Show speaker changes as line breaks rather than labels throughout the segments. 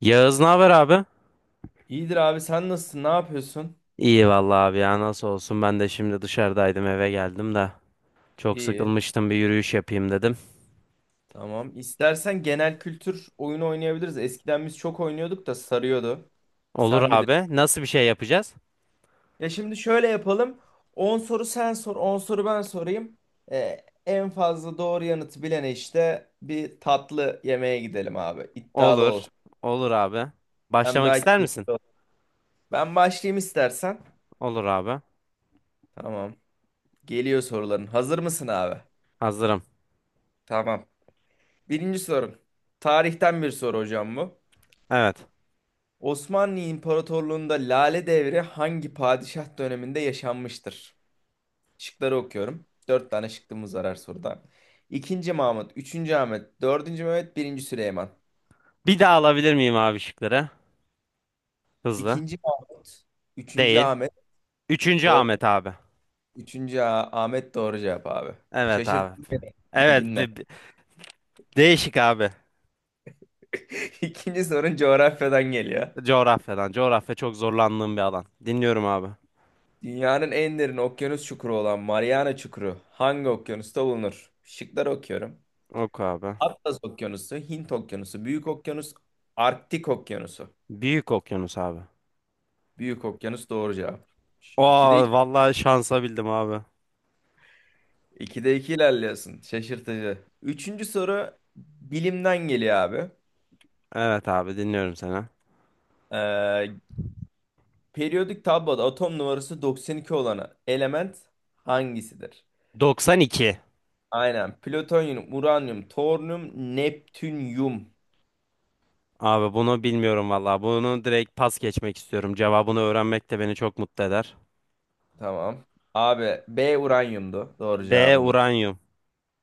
Yağız ne haber abi?
İyidir abi sen nasılsın? Ne yapıyorsun?
İyi vallahi abi ya, nasıl olsun, ben de şimdi dışarıdaydım, eve geldim de çok
İyi.
sıkılmıştım, bir yürüyüş yapayım dedim.
Tamam. İstersen genel kültür oyunu oynayabiliriz. Eskiden biz çok oynuyorduk da sarıyordu.
Olur
Sen bilir.
abi, nasıl bir şey yapacağız?
Ya şimdi şöyle yapalım. 10 soru sen sor, 10 soru ben sorayım. En fazla doğru yanıtı bilene işte bir tatlı yemeğe gidelim abi. İddialı
Olur
olsun.
olur abi.
Hem
Başlamak
daha
ister
keyif-
misin?
Ben başlayayım istersen.
Olur abi,
Tamam. Geliyor soruların. Hazır mısın abi?
hazırım.
Tamam. Birinci sorun. Tarihten bir soru hocam bu.
Evet.
Osmanlı İmparatorluğu'nda Lale Devri hangi padişah döneminde yaşanmıştır? Şıkları okuyorum. Dört tane şıkkımız var her soruda. İkinci Mahmut, üçüncü Ahmet, dördüncü Mehmet, birinci Süleyman.
Bir daha alabilir miyim abi şıkları? Hızlı.
İkinci Mahmut, üçüncü
Değil.
Ahmet,
Üçüncü
dört,
Ahmet abi.
üçüncü Ahmet doğru cevap abi.
Evet abi.
Şaşırttın beni
Evet,
bilginle.
değişik abi.
İkinci sorun coğrafyadan geliyor.
Coğrafyadan, coğrafya çok zorlandığım bir alan. Dinliyorum abi.
Dünyanın en derin okyanus çukuru olan Mariana Çukuru hangi okyanusta bulunur? Şıkları okuyorum.
Oku abi.
Atlas Okyanusu, Hint Okyanusu, Büyük Okyanus, Arktik Okyanusu.
Büyük okyanus abi.
Büyük Okyanus doğru cevap. Ş- İkide
Aa,
iki,
vallahi şansa bildim abi.
ikide iki ilerliyorsun. Şaşırtıcı. Üçüncü soru bilimden geliyor abi.
Evet abi, dinliyorum seni.
Ee, periyodik tabloda atom numarası 92 olan element hangisidir?
92.
Aynen. Plütonyum, uranyum, toryum, neptünyum.
Abi bunu bilmiyorum vallahi. Bunu direkt pas geçmek istiyorum. Cevabını öğrenmek de beni çok mutlu eder.
Tamam. Abi B uranyumdu. Doğru
B
cevabım bunu.
uranyum.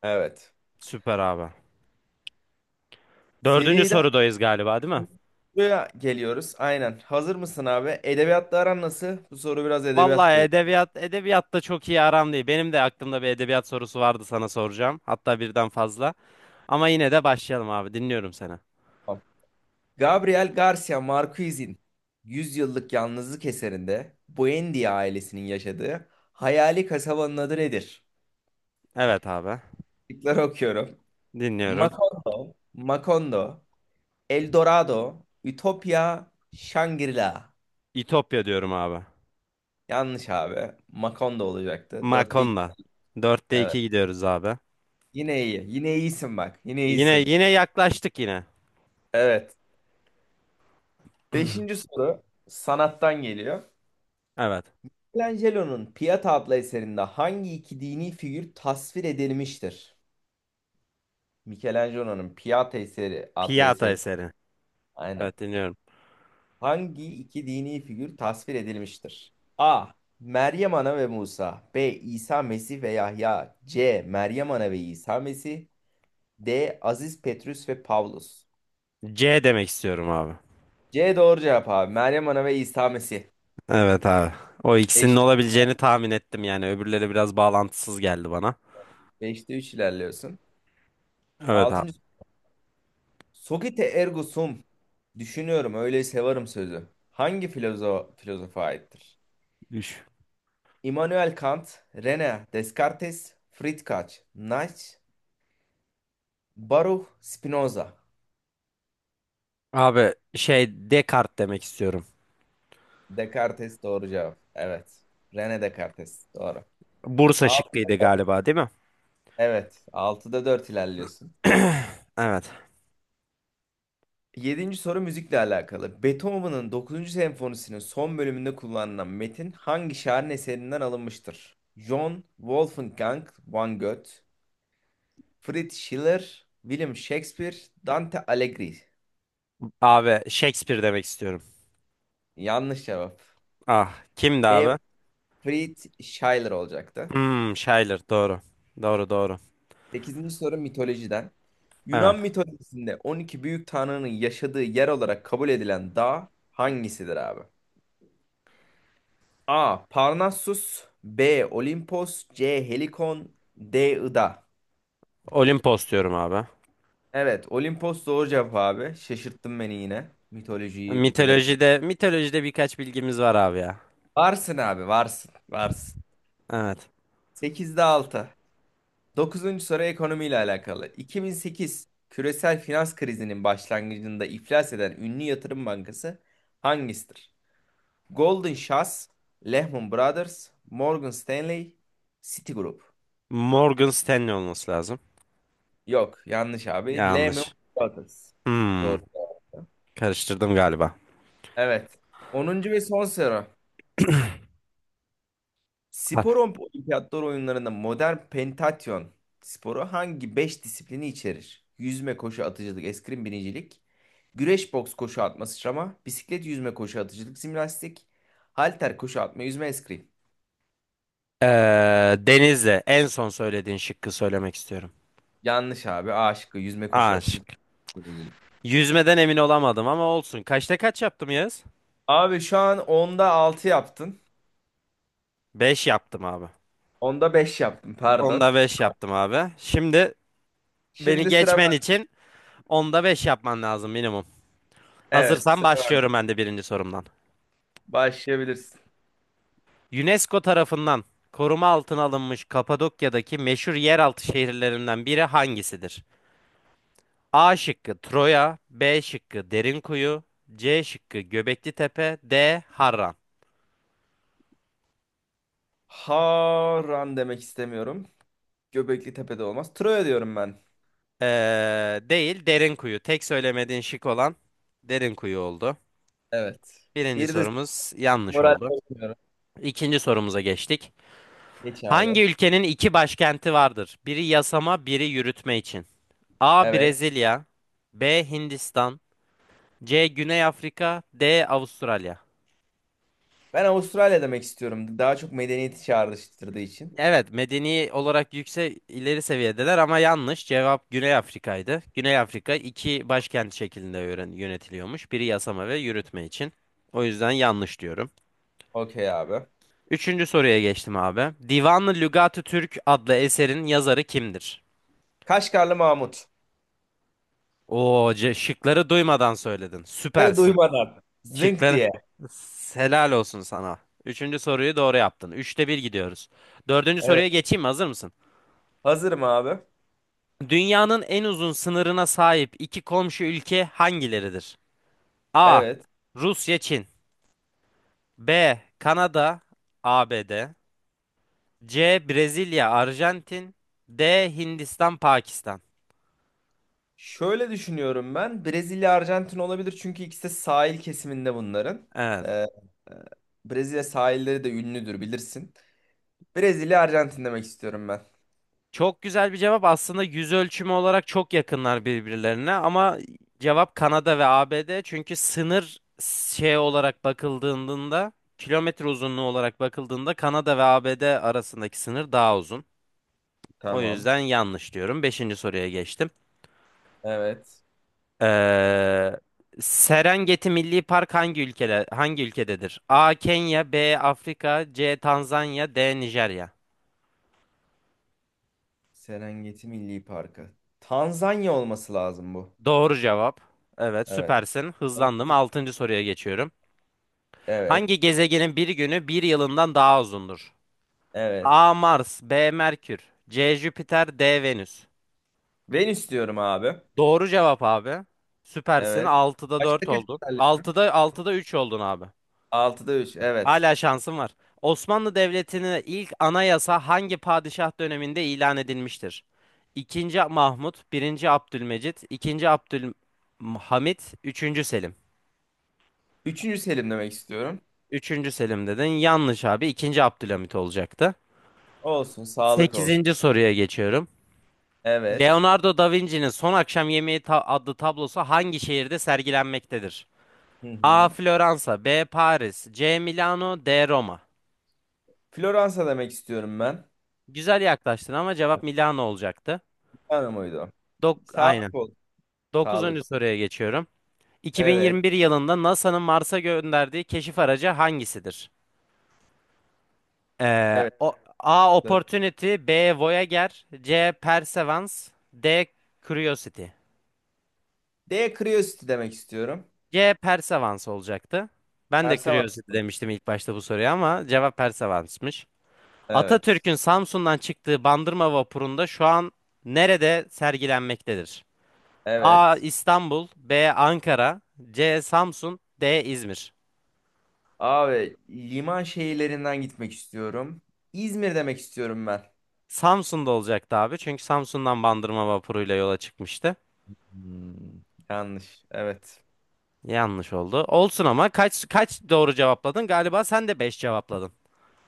Evet.
Süper abi. Dördüncü
Seri
sorudayız galiba, değil mi?
Buraya geliyoruz. Aynen. Hazır mısın abi? Edebiyatla aran nasıl? Bu soru biraz
Vallahi
edebiyat değil.
edebiyatta çok iyi aram değil. Benim de aklımda bir edebiyat sorusu vardı, sana soracağım. Hatta birden fazla. Ama yine de başlayalım abi. Dinliyorum seni.
Tamam. Gabriel Garcia Marquez'in 100 yıllık yalnızlık eserinde Buendia ailesinin yaşadığı hayali kasabanın adı nedir?
Evet abi.
Şıkları okuyorum.
Dinliyorum.
Macondo, El Dorado, Ütopya, Shangri-La.
İtopya diyorum abi.
Yanlış abi. Macondo olacaktı. Dörtte iki.
Makonda. Dörtte
Evet.
iki gidiyoruz abi.
Yine iyi. Yine iyisin bak. Yine
Yine
iyisin.
yine yaklaştık yine.
Evet. Beşinci soru sanattan geliyor.
Evet.
Michelangelo'nun Pieta adlı eserinde hangi iki dini figür tasvir edilmiştir? Michelangelo'nun Pieta eseri adlı
Piyata
eseri.
eseri.
Aynen.
Evet, dinliyorum.
Hangi iki dini figür tasvir edilmiştir? A. Meryem Ana ve Musa. B. İsa Mesih ve Yahya. C. Meryem Ana ve İsa Mesih. D. Aziz Petrus ve Pavlus.
C demek istiyorum abi.
C doğru cevap abi. Meryem Ana ve İsa Mesih.
Evet abi. O ikisinin olabileceğini tahmin ettim yani. Öbürleri biraz bağlantısız geldi bana.
Beşte 3 ilerliyorsun.
Evet abi.
Altıncı. Sokite ergo sum. Düşünüyorum öyleyse varım sözü. Hangi filozofa aittir?
Düş.
Immanuel Kant, René Descartes, Friedrich Nietzsche, Baruch Spinoza.
Abi Descartes demek istiyorum.
Descartes doğru cevap. Evet. René Descartes doğru.
Bursa
Altı.
şıkkıydı galiba, değil mi?
Evet. Altıda 4 ilerliyorsun.
Evet.
Yedinci soru müzikle alakalı. Beethoven'ın dokuzuncu senfonisinin son bölümünde kullanılan metin hangi şairin eserinden alınmıştır? John Wolfgang van Goethe, Fritz Schiller, William Shakespeare, Dante Alighieri.
Abi Shakespeare demek istiyorum.
Yanlış cevap.
Ah, kimdi
B.
abi?
Fritz Schiller olacaktı.
Hmm, Schiller doğru. Doğru.
Sekizinci soru mitolojiden.
Evet.
Yunan mitolojisinde 12 büyük tanrının yaşadığı yer olarak kabul edilen dağ hangisidir abi? A. Parnassus. B. Olimpos. C. Helikon. D. Ida.
Olimpos diyorum abi.
Evet, Olimpos doğru cevap abi. Şaşırttın beni yine. Mitolojiyi bu kadar iyi.
Mitolojide birkaç bilgimiz var abi ya.
Varsın abi varsın. Varsın.
Evet.
Sekizde 6. Dokuzuncu soru ekonomiyle alakalı. 2008 küresel finans krizinin başlangıcında iflas eden ünlü yatırım bankası hangisidir? Goldman Sachs, Lehman Brothers, Morgan Stanley, Citigroup.
Morgan Stanley olması lazım.
Yok, yanlış abi. Lehman
Yanlış.
Brothers.
Hmm,
Doğru.
karıştırdım galiba.
Evet. Onuncu ve son soru.
Ha,
Spor olimpiyatlar oyunlarında modern pentatyon sporu hangi 5 disiplini içerir? Yüzme, koşu, atıcılık, eskrim, binicilik, güreş, boks, koşu atma, sıçrama, bisiklet, yüzme, koşu, atıcılık, jimnastik, halter, koşu atma, yüzme, eskrim.
Denizli. En son söylediğin şıkkı söylemek istiyorum.
Yanlış abi. A şıkkı yüzme, koşu,
A
atıcılık,
şık.
binicilik.
Yüzmeden emin olamadım ama olsun. Kaçta kaç yaptım Yağız?
Abi şu an onda 6 yaptın.
5 yaptım abi.
Onda 5 yaptın, pardon.
10'da 5 yaptım abi. Şimdi beni
Şimdi sıra
geçmen
ben.
için 10'da 5 yapman lazım minimum.
Evet,
Hazırsan
sıra ben.
başlıyorum ben de birinci sorumdan.
Başlayabilirsin.
UNESCO tarafından koruma altına alınmış Kapadokya'daki meşhur yeraltı şehirlerinden biri hangisidir? A şıkkı Troya, B şıkkı Derinkuyu, C şıkkı Göbekli Tepe, D Harran.
Haran demek istemiyorum. Göbekli Tepe'de olmaz. Troya diyorum ben.
Değil Derinkuyu. Tek söylemediğin şık olan Derinkuyu oldu.
Evet.
Birinci
Bir de
sorumuz yanlış
moral
oldu.
bozmuyorum.
İkinci sorumuza geçtik.
Geç
Hangi
abi.
ülkenin iki başkenti vardır? Biri yasama, biri yürütme için. A.
Evet.
Brezilya, B. Hindistan, C. Güney Afrika, D. Avustralya.
Ben Avustralya demek istiyorum. Daha çok medeniyeti çağrıştırdığı için.
Evet, medeni olarak yüksek, ileri seviyedeler ama yanlış. Cevap Güney Afrika'ydı. Güney Afrika iki başkent şeklinde yönetiliyormuş. Biri yasama ve yürütme için. O yüzden yanlış diyorum.
Okey abi.
Üçüncü soruya geçtim abi. Divan-ı Lügat-ı Türk adlı eserin yazarı kimdir?
Kaşgarlı Mahmut.
Oo, şıkları duymadan söyledin.
Bunları
Süpersin.
duymadan. Zınk
Şıkları.
diye.
Helal olsun sana. Üçüncü soruyu doğru yaptın. 3'te 1 gidiyoruz. Dördüncü
Evet.
soruya geçeyim mi? Hazır mısın?
Hazırım abi.
Dünyanın en uzun sınırına sahip iki komşu ülke hangileridir? A.
Evet.
Rusya, Çin. B. Kanada, ABD. C. Brezilya, Arjantin. D. Hindistan, Pakistan.
Şöyle düşünüyorum ben. Brezilya, Arjantin olabilir. Çünkü ikisi de sahil kesiminde bunların.
Evet.
Ee, Brezilya sahilleri de ünlüdür bilirsin. Brezilya, Arjantin demek istiyorum ben.
Çok güzel bir cevap. Aslında yüz ölçümü olarak çok yakınlar birbirlerine ama cevap Kanada ve ABD. Çünkü sınır şey olarak bakıldığında, kilometre uzunluğu olarak bakıldığında Kanada ve ABD arasındaki sınır daha uzun. O
Tamam.
yüzden yanlış diyorum. Beşinci soruya geçtim.
Evet.
Ee, Serengeti Milli Park hangi ülkede hangi ülkededir? A. Kenya, B. Afrika, C. Tanzanya, D. Nijerya.
Serengeti Milli Parkı. Tanzanya olması lazım bu.
Doğru cevap. Evet,
Evet.
süpersin. Hızlandım. Altıncı soruya geçiyorum.
Evet.
Hangi gezegenin bir günü bir yılından daha uzundur?
Evet.
A. Mars, B. Merkür, C. Jüpiter, D. Venüs.
Ben istiyorum abi.
Doğru cevap abi. Süpersin.
Evet.
6'da 4
Kaçta kaç
oldun.
isterler?
Altıda 3 oldun abi.
Altıda 3. Evet.
Hala şansım var. Osmanlı Devleti'nin ilk anayasa hangi padişah döneminde ilan edilmiştir? İkinci Mahmut, birinci Abdülmecit, ikinci Abdülhamit, üçüncü Selim.
Üçüncü Selim demek istiyorum.
Üçüncü Selim dedin. Yanlış abi. İkinci Abdülhamit olacaktı.
Olsun. Sağlık olsun.
Sekizinci soruya geçiyorum.
Evet.
Leonardo da Vinci'nin Son Akşam Yemeği adlı tablosu hangi şehirde sergilenmektedir?
Hı
A.
hı.
Floransa, B. Paris, C. Milano, D. Roma.
Floransa demek istiyorum ben.
Güzel yaklaştın ama cevap Milano olacaktı.
Tanrı mıydı?
Aynen.
Sağlık olsun. Sağlık
Dokuzuncu
olsun.
soruya geçiyorum.
Evet.
2021 yılında NASA'nın Mars'a gönderdiği keşif aracı hangisidir?
Evet.
A. Opportunity, B. Voyager, C. Perseverance, D. Curiosity.
D. Curiosity demek istiyorum.
C. Perseverance olacaktı. Ben de
Ersamam.
Curiosity demiştim ilk başta bu soruya ama cevap Perseverance'mış.
Evet.
Atatürk'ün Samsun'dan çıktığı Bandırma vapurunda şu an nerede sergilenmektedir? A.
Evet.
İstanbul, B. Ankara, C. Samsun, D. İzmir.
Abi liman şehirlerinden gitmek istiyorum. İzmir demek istiyorum ben.
Samsun'da olacaktı abi. Çünkü Samsun'dan Bandırma vapuruyla yola çıkmıştı.
Hmm, yanlış. Evet.
Yanlış oldu. Olsun, ama kaç kaç doğru cevapladın? Galiba sen de 5 cevapladın.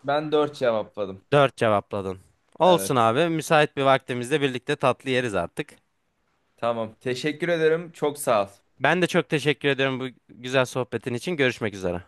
Ben 4 cevapladım.
4 cevapladın. Olsun
Evet.
abi. Müsait bir vaktimizde birlikte tatlı yeriz artık.
Tamam. Teşekkür ederim. Çok sağ ol.
Ben de çok teşekkür ediyorum bu güzel sohbetin için. Görüşmek üzere.